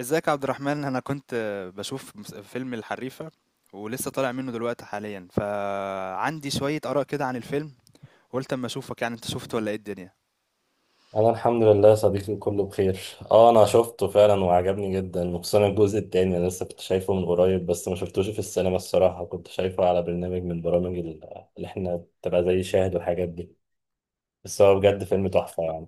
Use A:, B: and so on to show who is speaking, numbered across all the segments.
A: ازيك يا عبد الرحمن، انا كنت بشوف فيلم الحريفة، ولسه طالع منه دلوقتي حاليا، فعندي شوية آراء كده عن الفيلم. قلت اما اشوفك، يعني انت شفت ولا ايه الدنيا؟
B: انا الحمد لله يا صديقي، كله بخير. اه، انا شفته فعلا وعجبني جدا، وخصوصا الجزء التاني. انا لسه كنت شايفه من قريب، بس ما شفتوش في السينما. الصراحه كنت شايفه على برنامج من برامج اللي احنا بتبقى زي شاهد والحاجات دي. بس هو بجد فيلم تحفه يعني.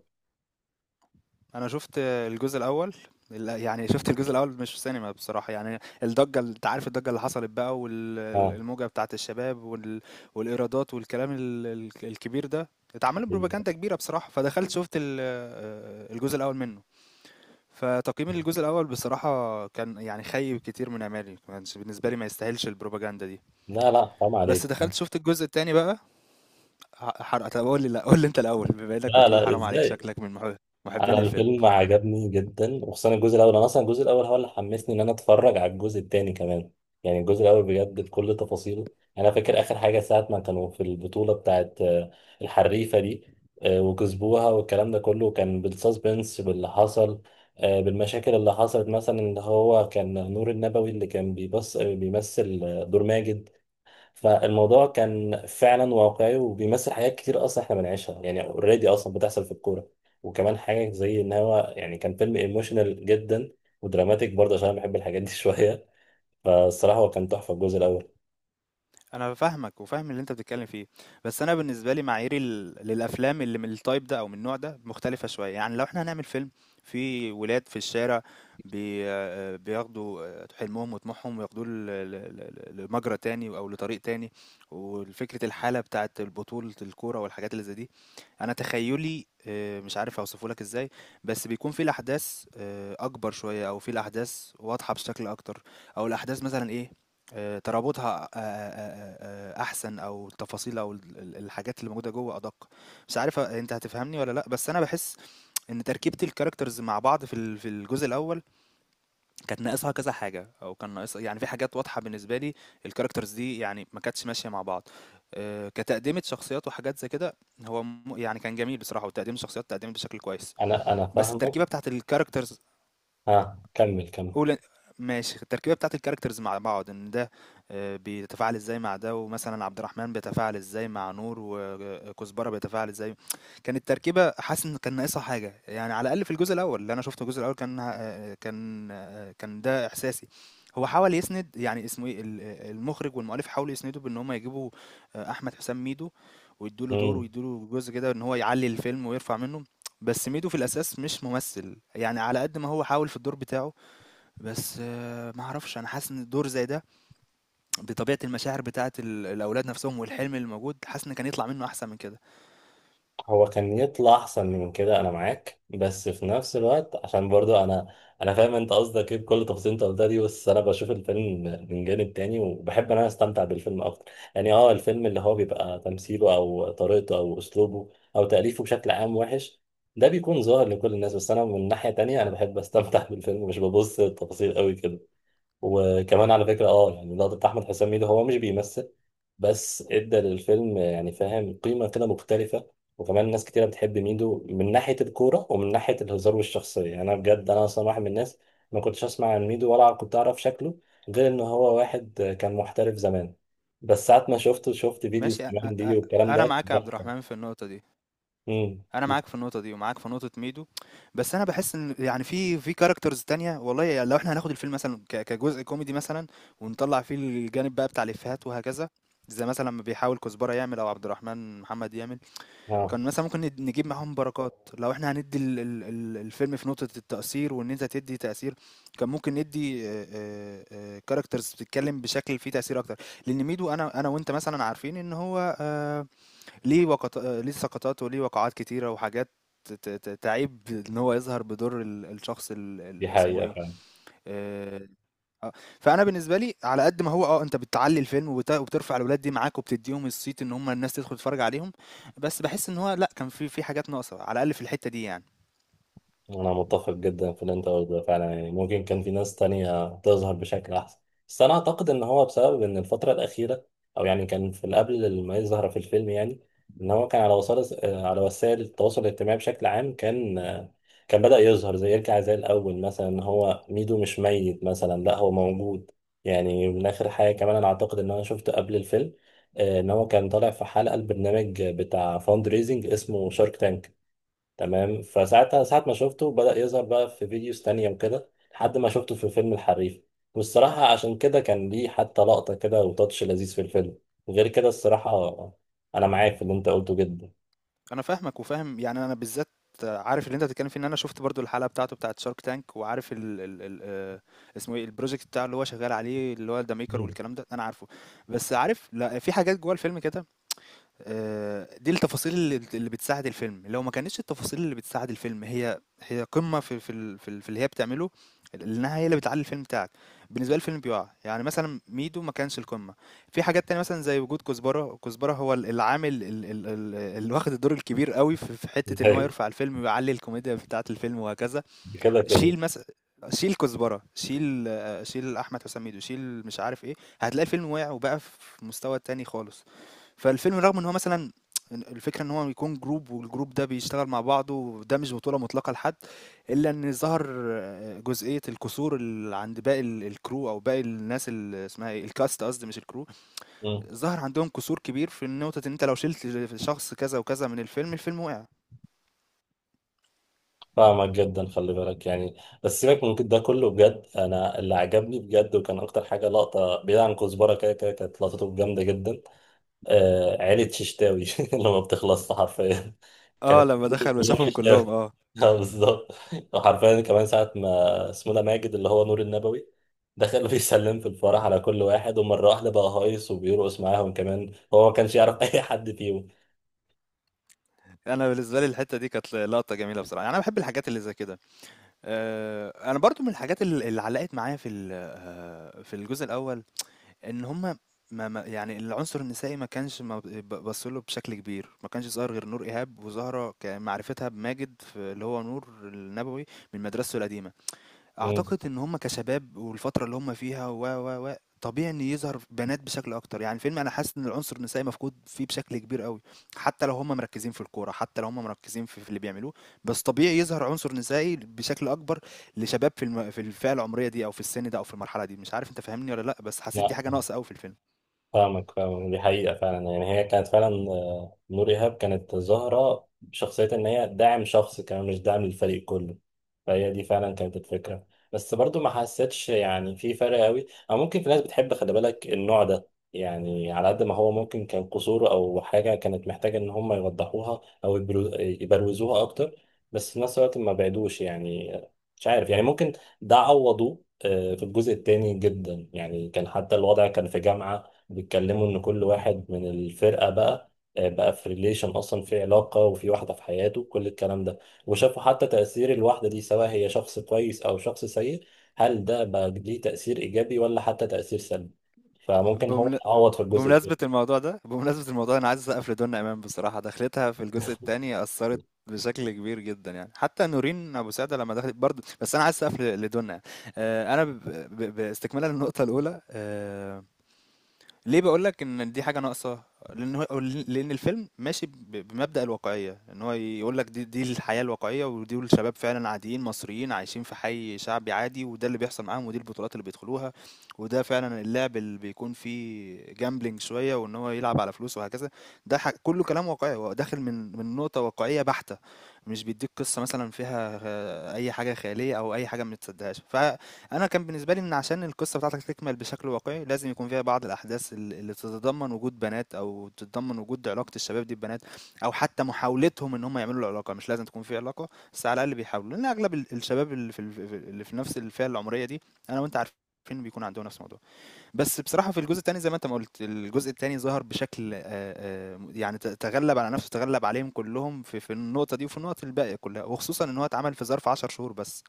A: انا شفت الجزء الاول، يعني شفت الجزء الاول مش في سينما بصراحة، يعني الضجة، انت عارف الضجة اللي حصلت بقى
B: اه.
A: والموجة بتاعت الشباب، والإيرادات والكلام الكبير ده، اتعمل
B: أيوة.
A: بروباجندا كبيرة بصراحة. فدخلت شفت الجزء الاول منه. فتقييمي للجزء الأول بصراحة كان يعني خيب كتير من آمالي، ما كانش بالنسبة لي، ما يستاهلش البروباجندا دي.
B: لا، لا، حرام
A: بس
B: عليك.
A: دخلت شُفت الجزء التاني بقى، حرق. طب قول لي، لا قول لي انت الاول، بما انك
B: لا،
A: بتقول
B: لا،
A: حرام عليك،
B: ازاي؟
A: شكلك من
B: انا
A: محبين الفيلم.
B: الفيلم عجبني جدا، وخصوصا الجزء الاول. انا اصلا الجزء الاول هو اللي حمسني ان انا اتفرج على الجزء التاني كمان. يعني الجزء الاول بجد بكل تفاصيله. يعني انا فاكر اخر حاجه ساعه ما كانوا في البطوله بتاعت الحريفه دي، وكسبوها والكلام ده كله كان بالسسبنس باللي حصل، بالمشاكل اللي حصلت مثلا ان هو كان نور النبوي اللي كان بيبص بيمثل دور ماجد. فالموضوع كان فعلا واقعي، وبيمثل حاجات كتير اصلا احنا بنعيشها يعني. اوريدي اصلا بتحصل في الكوره. وكمان حاجه زي ان هو يعني كان فيلم ايموشنال جدا، ودراماتيك برضه، عشان انا بحب الحاجات دي شويه. فالصراحه هو كان تحفه الجزء الاول.
A: انا فاهمك وفاهم اللي انت بتتكلم فيه. بس انا بالنسبه لي، معاييري للافلام اللي من التايب ده او من النوع ده مختلفه شويه، يعني لو احنا هنعمل فيلم في ولاد في الشارع بي آه، بياخدوا حلمهم وطموحهم وياخدوه لمجرى تاني او لطريق تاني، وفكره الحاله بتاعه البطوله الكوره والحاجات اللي زي دي. انا تخيلي، مش عارف اوصفه لك ازاي، بس بيكون في الاحداث اكبر شويه، او في الاحداث واضحه بشكل اكتر، او الاحداث مثلا ايه، ترابطها أحسن، أو التفاصيل، أو ال ال الحاجات اللي موجودة جوّه أدق. مش عارف أنت هتفهمني والّا لأ، بس أنا باحس إن تركيبة الcharacters مع بعض في الجزء الأول كانت ناقصها كذا حاجة، أو كان ناقصها، يعني في حاجات واضحة بالنسبة لي. الcharacters دي يعني ما كانتش ماشية مع بعض. كتقديمة شخصيات وحاجات زي كده، هو يعني كان جميل بصراحة، وتقديم الشخصيات اتقدمت بشكل كويس،
B: انا
A: بس التركيبة
B: فاهمك.
A: بتاعة الcharacters،
B: ها كمل كمل.
A: قول ماشي، التركيبه بتاعت الكاركترز مع بعض، ان ده بيتفاعل ازاي مع ده، ومثلا عبد الرحمن بيتفاعل ازاي مع نور، وكزبره بيتفاعل ازاي. كانت تركيبه حاسس ان كان ناقصها حاجه، يعني على الاقل في الجزء الاول اللي انا شفته. الجزء الاول كان ده احساسي. هو حاول يسند، يعني اسمه ايه، المخرج والمؤلف حاولوا يسندوا بان هم يجيبوا احمد حسام ميدو، ويدوا له دور ويدوا له جزء كده، ان هو يعلي الفيلم ويرفع منه. بس ميدو في الاساس مش ممثل، يعني على قد ما هو حاول في الدور بتاعه، بس ما أعرفش، أنا حاسس إن الدور زي ده، بطبيعة المشاعر بتاعة الأولاد نَفْسهم والحلم اللي موجود، حاسس إن كان يطلع منّه أحسن من كده.
B: هو كان يطلع احسن من كده، انا معاك. بس في نفس الوقت عشان برضو انا فاهم انت قصدك ايه بكل تفاصيل انت قلتها دي. بس انا بشوف الفيلم من جانب تاني، وبحب ان انا استمتع بالفيلم اكتر. يعني اه، الفيلم اللي هو بيبقى تمثيله او طريقته او اسلوبه او تأليفه بشكل عام وحش، ده بيكون ظاهر لكل الناس. بس انا من ناحية تانية، انا بحب استمتع بالفيلم، مش ببص للتفاصيل قوي كده. وكمان على فكرة يعني لقطة أحمد حسام ميدو، هو مش بيمثل، بس ادى للفيلم يعني فاهم قيمة كده مختلفة. وكمان ناس كتيرة بتحب ميدو من ناحية الكورة ومن ناحية الهزار والشخصية. يعني أنا بجد أنا أصلا واحد من الناس ما كنتش أسمع عن ميدو، ولا كنت أعرف شكله، غير إن هو واحد كان محترف زمان. بس ساعة ما شفته، شفت فيديوز
A: ماشي. أ أ
B: كمان دي
A: أ
B: والكلام
A: أنا
B: ده
A: معاك يا عبد
B: ضحك.
A: الرحمن في النقطة دي،
B: امم
A: أنا معاك في النقطة دي ومعاك في نقطة ميدو. بس أنا باحس إن، يعني في characters تانية. والله يعني لو إحنا هناخد الفيلم مثلًا كجزء كوميدي مثلًا، ونطلّع فيه الجانب بقى بتاع الإفيهات وهكذا، زي مثلًا ما بيحاول كزبرة يعمل أو عبد الرحمن محمد يعمل.
B: اه،
A: كان مثلا ممكن نجيب معاهم بركات. لو احنا هندي الفيلم في نقطة التأثير وان انت تدي تأثير، كان ممكن ندي كاركترز بتتكلم بشكل فيه تأثير اكتر. لان ميدو، انا وانت مثلا عارفين ان هو ليه وقط... آه، ليه سقطات وليه وقعات كتيرة وحاجات تعيب ان هو يظهر بدور الشخص
B: دي
A: اسمه
B: حقيقة
A: ايه.
B: فعلا.
A: آه، آه، فأنا بالنسبة لي، على قد ما هو أنت بتعلّي الفيلم وبترفع الولاد دي معاك وبتدّيهم الصيت، إن هم الناس تدخل تتفرّج عليهم، بس باحس إن هو لأ، كان في حاجات ناقصة، على الأقل في الحتّة دي يعني.
B: أنا متفق جدا في اللي أنت قلته فعلا. يعني ممكن كان في ناس تانية تظهر بشكل أحسن، بس أنا أعتقد إن هو بسبب إن الفترة الأخيرة، أو يعني كان في قبل ما يظهر في الفيلم يعني، إن هو كان على وسائل، على وسائل التواصل الاجتماعي بشكل عام، كان بدأ يظهر، زي يرجع زي الأول مثلا، إن هو ميدو مش ميت مثلا، لا هو موجود. يعني من آخر حاجة كمان، أنا أعتقد إن أنا شفت قبل الفيلم، إن هو كان طالع في حلقة البرنامج بتاع فاند ريزنج اسمه شارك تانك. تمام، فساعتها ساعة ما شفته بدأ يظهر بقى في فيديوز تانية وكده، لحد ما شفته في فيلم الحريف. والصراحة عشان كده كان ليه حتى لقطة كده وتاتش لذيذ في الفيلم، غير كده الصراحة. أنا معاك في اللي أنت قلته جدا.
A: أنا فاهمك وفاهم، يعني أنا بالذات عارف اللي أنت بتتكلّم فيه، إن أنا شُفت برضه الحلقة بتاعته بتاعة Shark Tank، وعارف ال ال ال اسمه إيه الproject بتاعه اللي هو شغّال عليه، اللي هو The Maker
B: مم.
A: والكلام ده، أنا عارفه. بس عارف لأ، في حاجات جوّه الفيلم كده، دي التفاصيل اللي بتساعد الفيلم. لو ما كانتش التفاصيل اللي بتساعد الفيلم هي هي قمة في اللي هي بتعمله، لأنها هي اللي بتعلّي الفيلم بتاعك. بالنسبة لي الفيلم بيُقع، يعني مثلًا ميدو ما كانش القمة. في حاجات تانية مثلًا زي وجود كزبرة. كزبرة هو العامل ال ال ال اللي واخد الدور الكبير أوي في حتة إن هو يرفع الفيلم ويعلّي الكوميديا بتاعة الفيلم وهكذا.
B: كده كده.
A: شيل مثلًا شيل كزبرة، شيل أحمد حسام ميدو، شيل مش عارف إيه، هتلاقي الفيلم وقع وبقى في مستوى تاني خالص. فالفيلم، رغم ان هو مثلا الفكره ان هو يكون جروب والجروب ده بيشتغل مع بعضه، وده مش بطوله مطلقه لحد، الا ان ظهر جزئيه الكسور اللي عند باقي الكرو، او باقي الناس اللي اسمها ايه الكاست، قصدي مش الكرو.
B: مم.
A: ظهر عندهم كسور كبير في النقطه، ان انت لو شلت شخص كذا وكذا من الفيلم، الفيلم وقع.
B: فاهمك جدا، خلي بالك يعني. بس سيبك من ده كله، بجد أنا اللي عجبني بجد وكان أكتر حاجة لقطة، بعيد عن كزبرة، كده كده كانت لقطته جامدة جدا. آه، عيلة ششتاوي اللي ما بتخلصش حرفيا.
A: اه،
B: كانت
A: لما دخل
B: كلهم
A: وشافهم
B: ششتاوي.
A: كلهم. اه،
B: اه، بالظبط. وحرفيا كمان ساعة ما اسمه ده ماجد اللي هو نور النبوي دخل بيسلم في الفرح على كل واحد، ومرة واحدة بقى هايص وبيرقص معاهم كمان، هو ما كانش يعرف أي حد فيهم.
A: انا بالنسبه لي الحته دي كانت لقطه جميله بصراحه، يعني انا بحب الحاجات اللي زي كده. انا برضو من الحاجات اللي علقت معايا في ال- آه، في الجزء الاول، إن هم ما يعني العنصر النسائي ما كانش ما ب ب بصّوا له بشكل كبير. ما كانش ظاهر غير نور إيهاب وزهرة، كمعرفتها بماجد في اللي هو نور النبوي، من مدرسته القديمة. اعتقد ان هم كشباب والفتره اللي هم فيها، و و و طبيعي ان يظهر بنات بشكل اكتر. يعني الفيلم، انا حاسس ان العنصر النسائي مفقود فيه بشكل كبير قوي. حتى لو هم مركزين في الكوره، حتى لو هم مركزين في اللي بيعملوه، بس طبيعي يظهر عنصر نسائي بشكل اكبر لشباب في الفئه العمريه دي، او في السن ده، او في المرحله دي. مش عارف انت فاهمني ولا لا، بس حسيت دي حاجه
B: مم.
A: ناقصه قوي في الفيلم.
B: فاهمك فاهمك، دي حقيقة فعلا. يعني هي كانت فعلا، نور إيهاب كانت ظاهرة بشخصية إن هي داعم شخص كمان، مش داعم للفريق كله. فهي دي فعلا كانت الفكرة. بس برضو ما حسيتش يعني في فرق قوي، أو ممكن في ناس بتحب خلي بالك النوع ده. يعني على قد ما هو ممكن كان قصور، أو حاجة كانت محتاجة إن هم يوضحوها أو يبروزوها أكتر، بس في نفس الوقت ما بعدوش يعني، مش عارف يعني. ممكن ده عوضوه في الجزء التاني جدا. يعني كان حتى الوضع كان في جامعة، بيتكلموا ان كل واحد من الفرقه بقى في ريليشن، اصلا في علاقه وفي واحده في حياته كل الكلام ده. وشافوا حتى تاثير الواحده دي، سواء هي شخص كويس او شخص سيء، هل ده بقى ليه تاثير ايجابي ولا حتى تاثير سلبي. فممكن هو
A: بمن...
B: يتعوض في الجزء ده.
A: بمناسبة الموضوع ده، أنا عايز أسقف لدنيا إمام. بصراحة دخلتها في الجزء التاني أثرت بشكل كبير جدا، يعني حتى نورين أبو سعدة لما دخلت برضه، بس أنا عايز أسقف لدنيا. أنا باستكمالا للنقطة الأولى، ليه بقول لك ان دي حاجه ناقصه، لان هو لان الفيلم ماشي بمبدأ الواقعيه، ان هو يقول لك دي الحياه الواقعيه، ودي الشباب فعلا عاديين مصريين عايشين في حي شعبي عادي، وده اللي بيحصل معاهم، ودي البطولات اللي بيدخلوها، وده فعلا اللعب اللي بيكون فيه جامبلينج شويه وان هو يلعب على فلوس وهكذا. ده كله كلام واقعي، هو داخل من نقطه واقعيه بحته، مش بيديك قصه مثلا فيها اي حاجه خياليه او اي حاجه ما تصدقهاش. انا كان بالنسبه لي، ان عشان القصه بتاعتك تكمل بشكل واقعي لازم يكون فيها بعض الاحداث اللي تتضمن وجود بنات، او تتضمن وجود علاقه الشباب دي ببنات، او حتى محاولتهم ان هم يعملوا العلاقه. مش لازم تكون في علاقه، بس على الاقل بيحاولوا، لان اغلب الشباب اللي في نفس الفئه العمريه دي، انا وانت عارفين بيكون عندهم نفس الموضوع. بس بصراحه في الجزء الثاني، زي ما انت ما قلت، الجزء الثاني ظهر بشكل يعني تغلب على نفسه، تغلب عليهم كلهم في النقطه دي، وفي النقط الباقيه كلها، وخصوصا ان هو اتعمل في ظرف 10 شهور بس.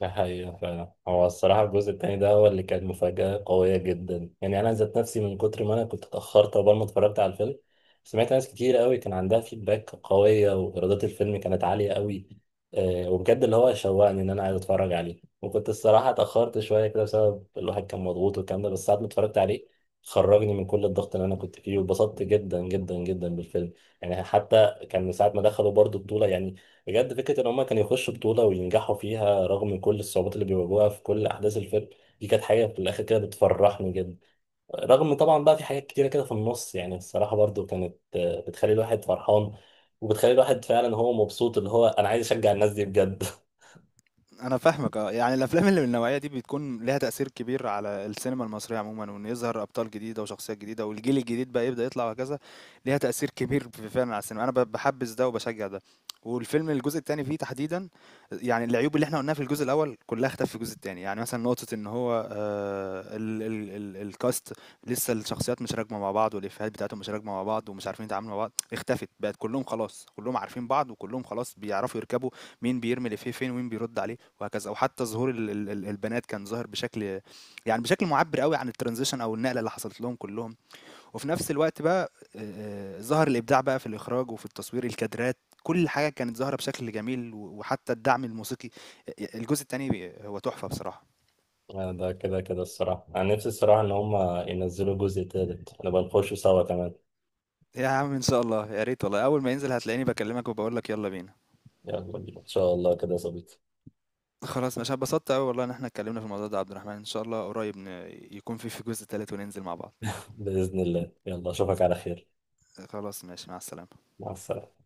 B: ده حقيقة فعلا. هو الصراحة الجزء التاني ده هو اللي كان مفاجأة قوية جدا. يعني أنا ذات نفسي من كتر ما أنا كنت اتأخرت عقبال ما اتفرجت على الفيلم، سمعت ناس كتير قوي كان عندها فيدباك قوية، وإيرادات الفيلم كانت عالية قوي. وبجد اللي هو شوقني إن أنا عايز أتفرج عليه. وكنت الصراحة اتأخرت شوية كده بسبب الواحد كان مضغوط والكلام ده، بس ساعة ما اتفرجت عليه خرجني من كل الضغط اللي أنا كنت فيه، واتبسطت جدا جدا جدا بالفيلم. يعني حتى كان من ساعة ما دخلوا برضو بطولة يعني، بجد فكرة إن هما كانوا يخشوا بطولة وينجحوا فيها رغم كل الصعوبات اللي بيواجهوها في كل أحداث الفيلم، دي كانت حاجة في الآخر كده بتفرحني جدا. رغم طبعا بقى في حاجات كتيرة كده في النص، يعني الصراحة برضو كانت، بتخلي الواحد فرحان، وبتخلي الواحد فعلا هو مبسوط، اللي هو أنا عايز أشجع الناس دي بجد.
A: انا فاهمك، اه، يعني الافلام اللي من النوعيه دي بتكون لها تاثير كبير على السينما المصريه عموما، وان يظهر ابطال جديده وشخصيات جديده، والجيل الجديد بقى يبدا يطلع وهكذا. ليها تاثير كبير فعلا على السينما، انا بحبس ده وبشجع ده. والفيلم الجزء الثاني فيه تحديدا، يعني العيوب اللي احنا قلناها في الجزء الاول كلها اختفت في الجزء الثاني، يعني مثلا نقطه ان هو آه ال ال ال الكاست، لسه الشخصيات مش راكمه مع بعض والافيهات بتاعتهم مش راكمه مع بعض ومش عارفين يتعاملوا مع بعض، اختفت. بقت كلهم خلاص كلهم عارفين بعض وكلهم خلاص بيعرفوا يركبوا مين بيرمي الافيه فين ومين بيرد عليه وهكذا. او حتى ظهور البنات كان ظاهر بشكل، بشكل معبر قوي عن الترانزيشن او النقله اللي حصلت لهم كلهم. وفي نفس الوقت بقى، ظهر الابداع بقى في الاخراج وفي التصوير، الكادرات، كل حاجه كانت ظاهره بشكل جميل، وحتى الدعم الموسيقي. الجزء الثاني هو تحفه بصراحه.
B: ده كده كده الصراحة، أنا نفسي الصراحة إن هما ينزلوا جزء تالت نبقى نخشوا سوا كمان.
A: يا عم، ان شاء الله يا ريت، والله اول ما ينزل هتلاقيني بكلمك وبقول لك يلا بينا.
B: يلا بينا إن شاء الله كده يا صديقي.
A: خلاص، مش اتبسطت قوي والله ان احنا اتكلمنا في الموضوع ده يا عبد الرحمن، ان شاء الله قريب يكون في جزء ثالث وننزل مع بعض.
B: بإذن الله، يلا أشوفك على خير.
A: خلاص ماشي، مع السلامه.
B: مع السلامة.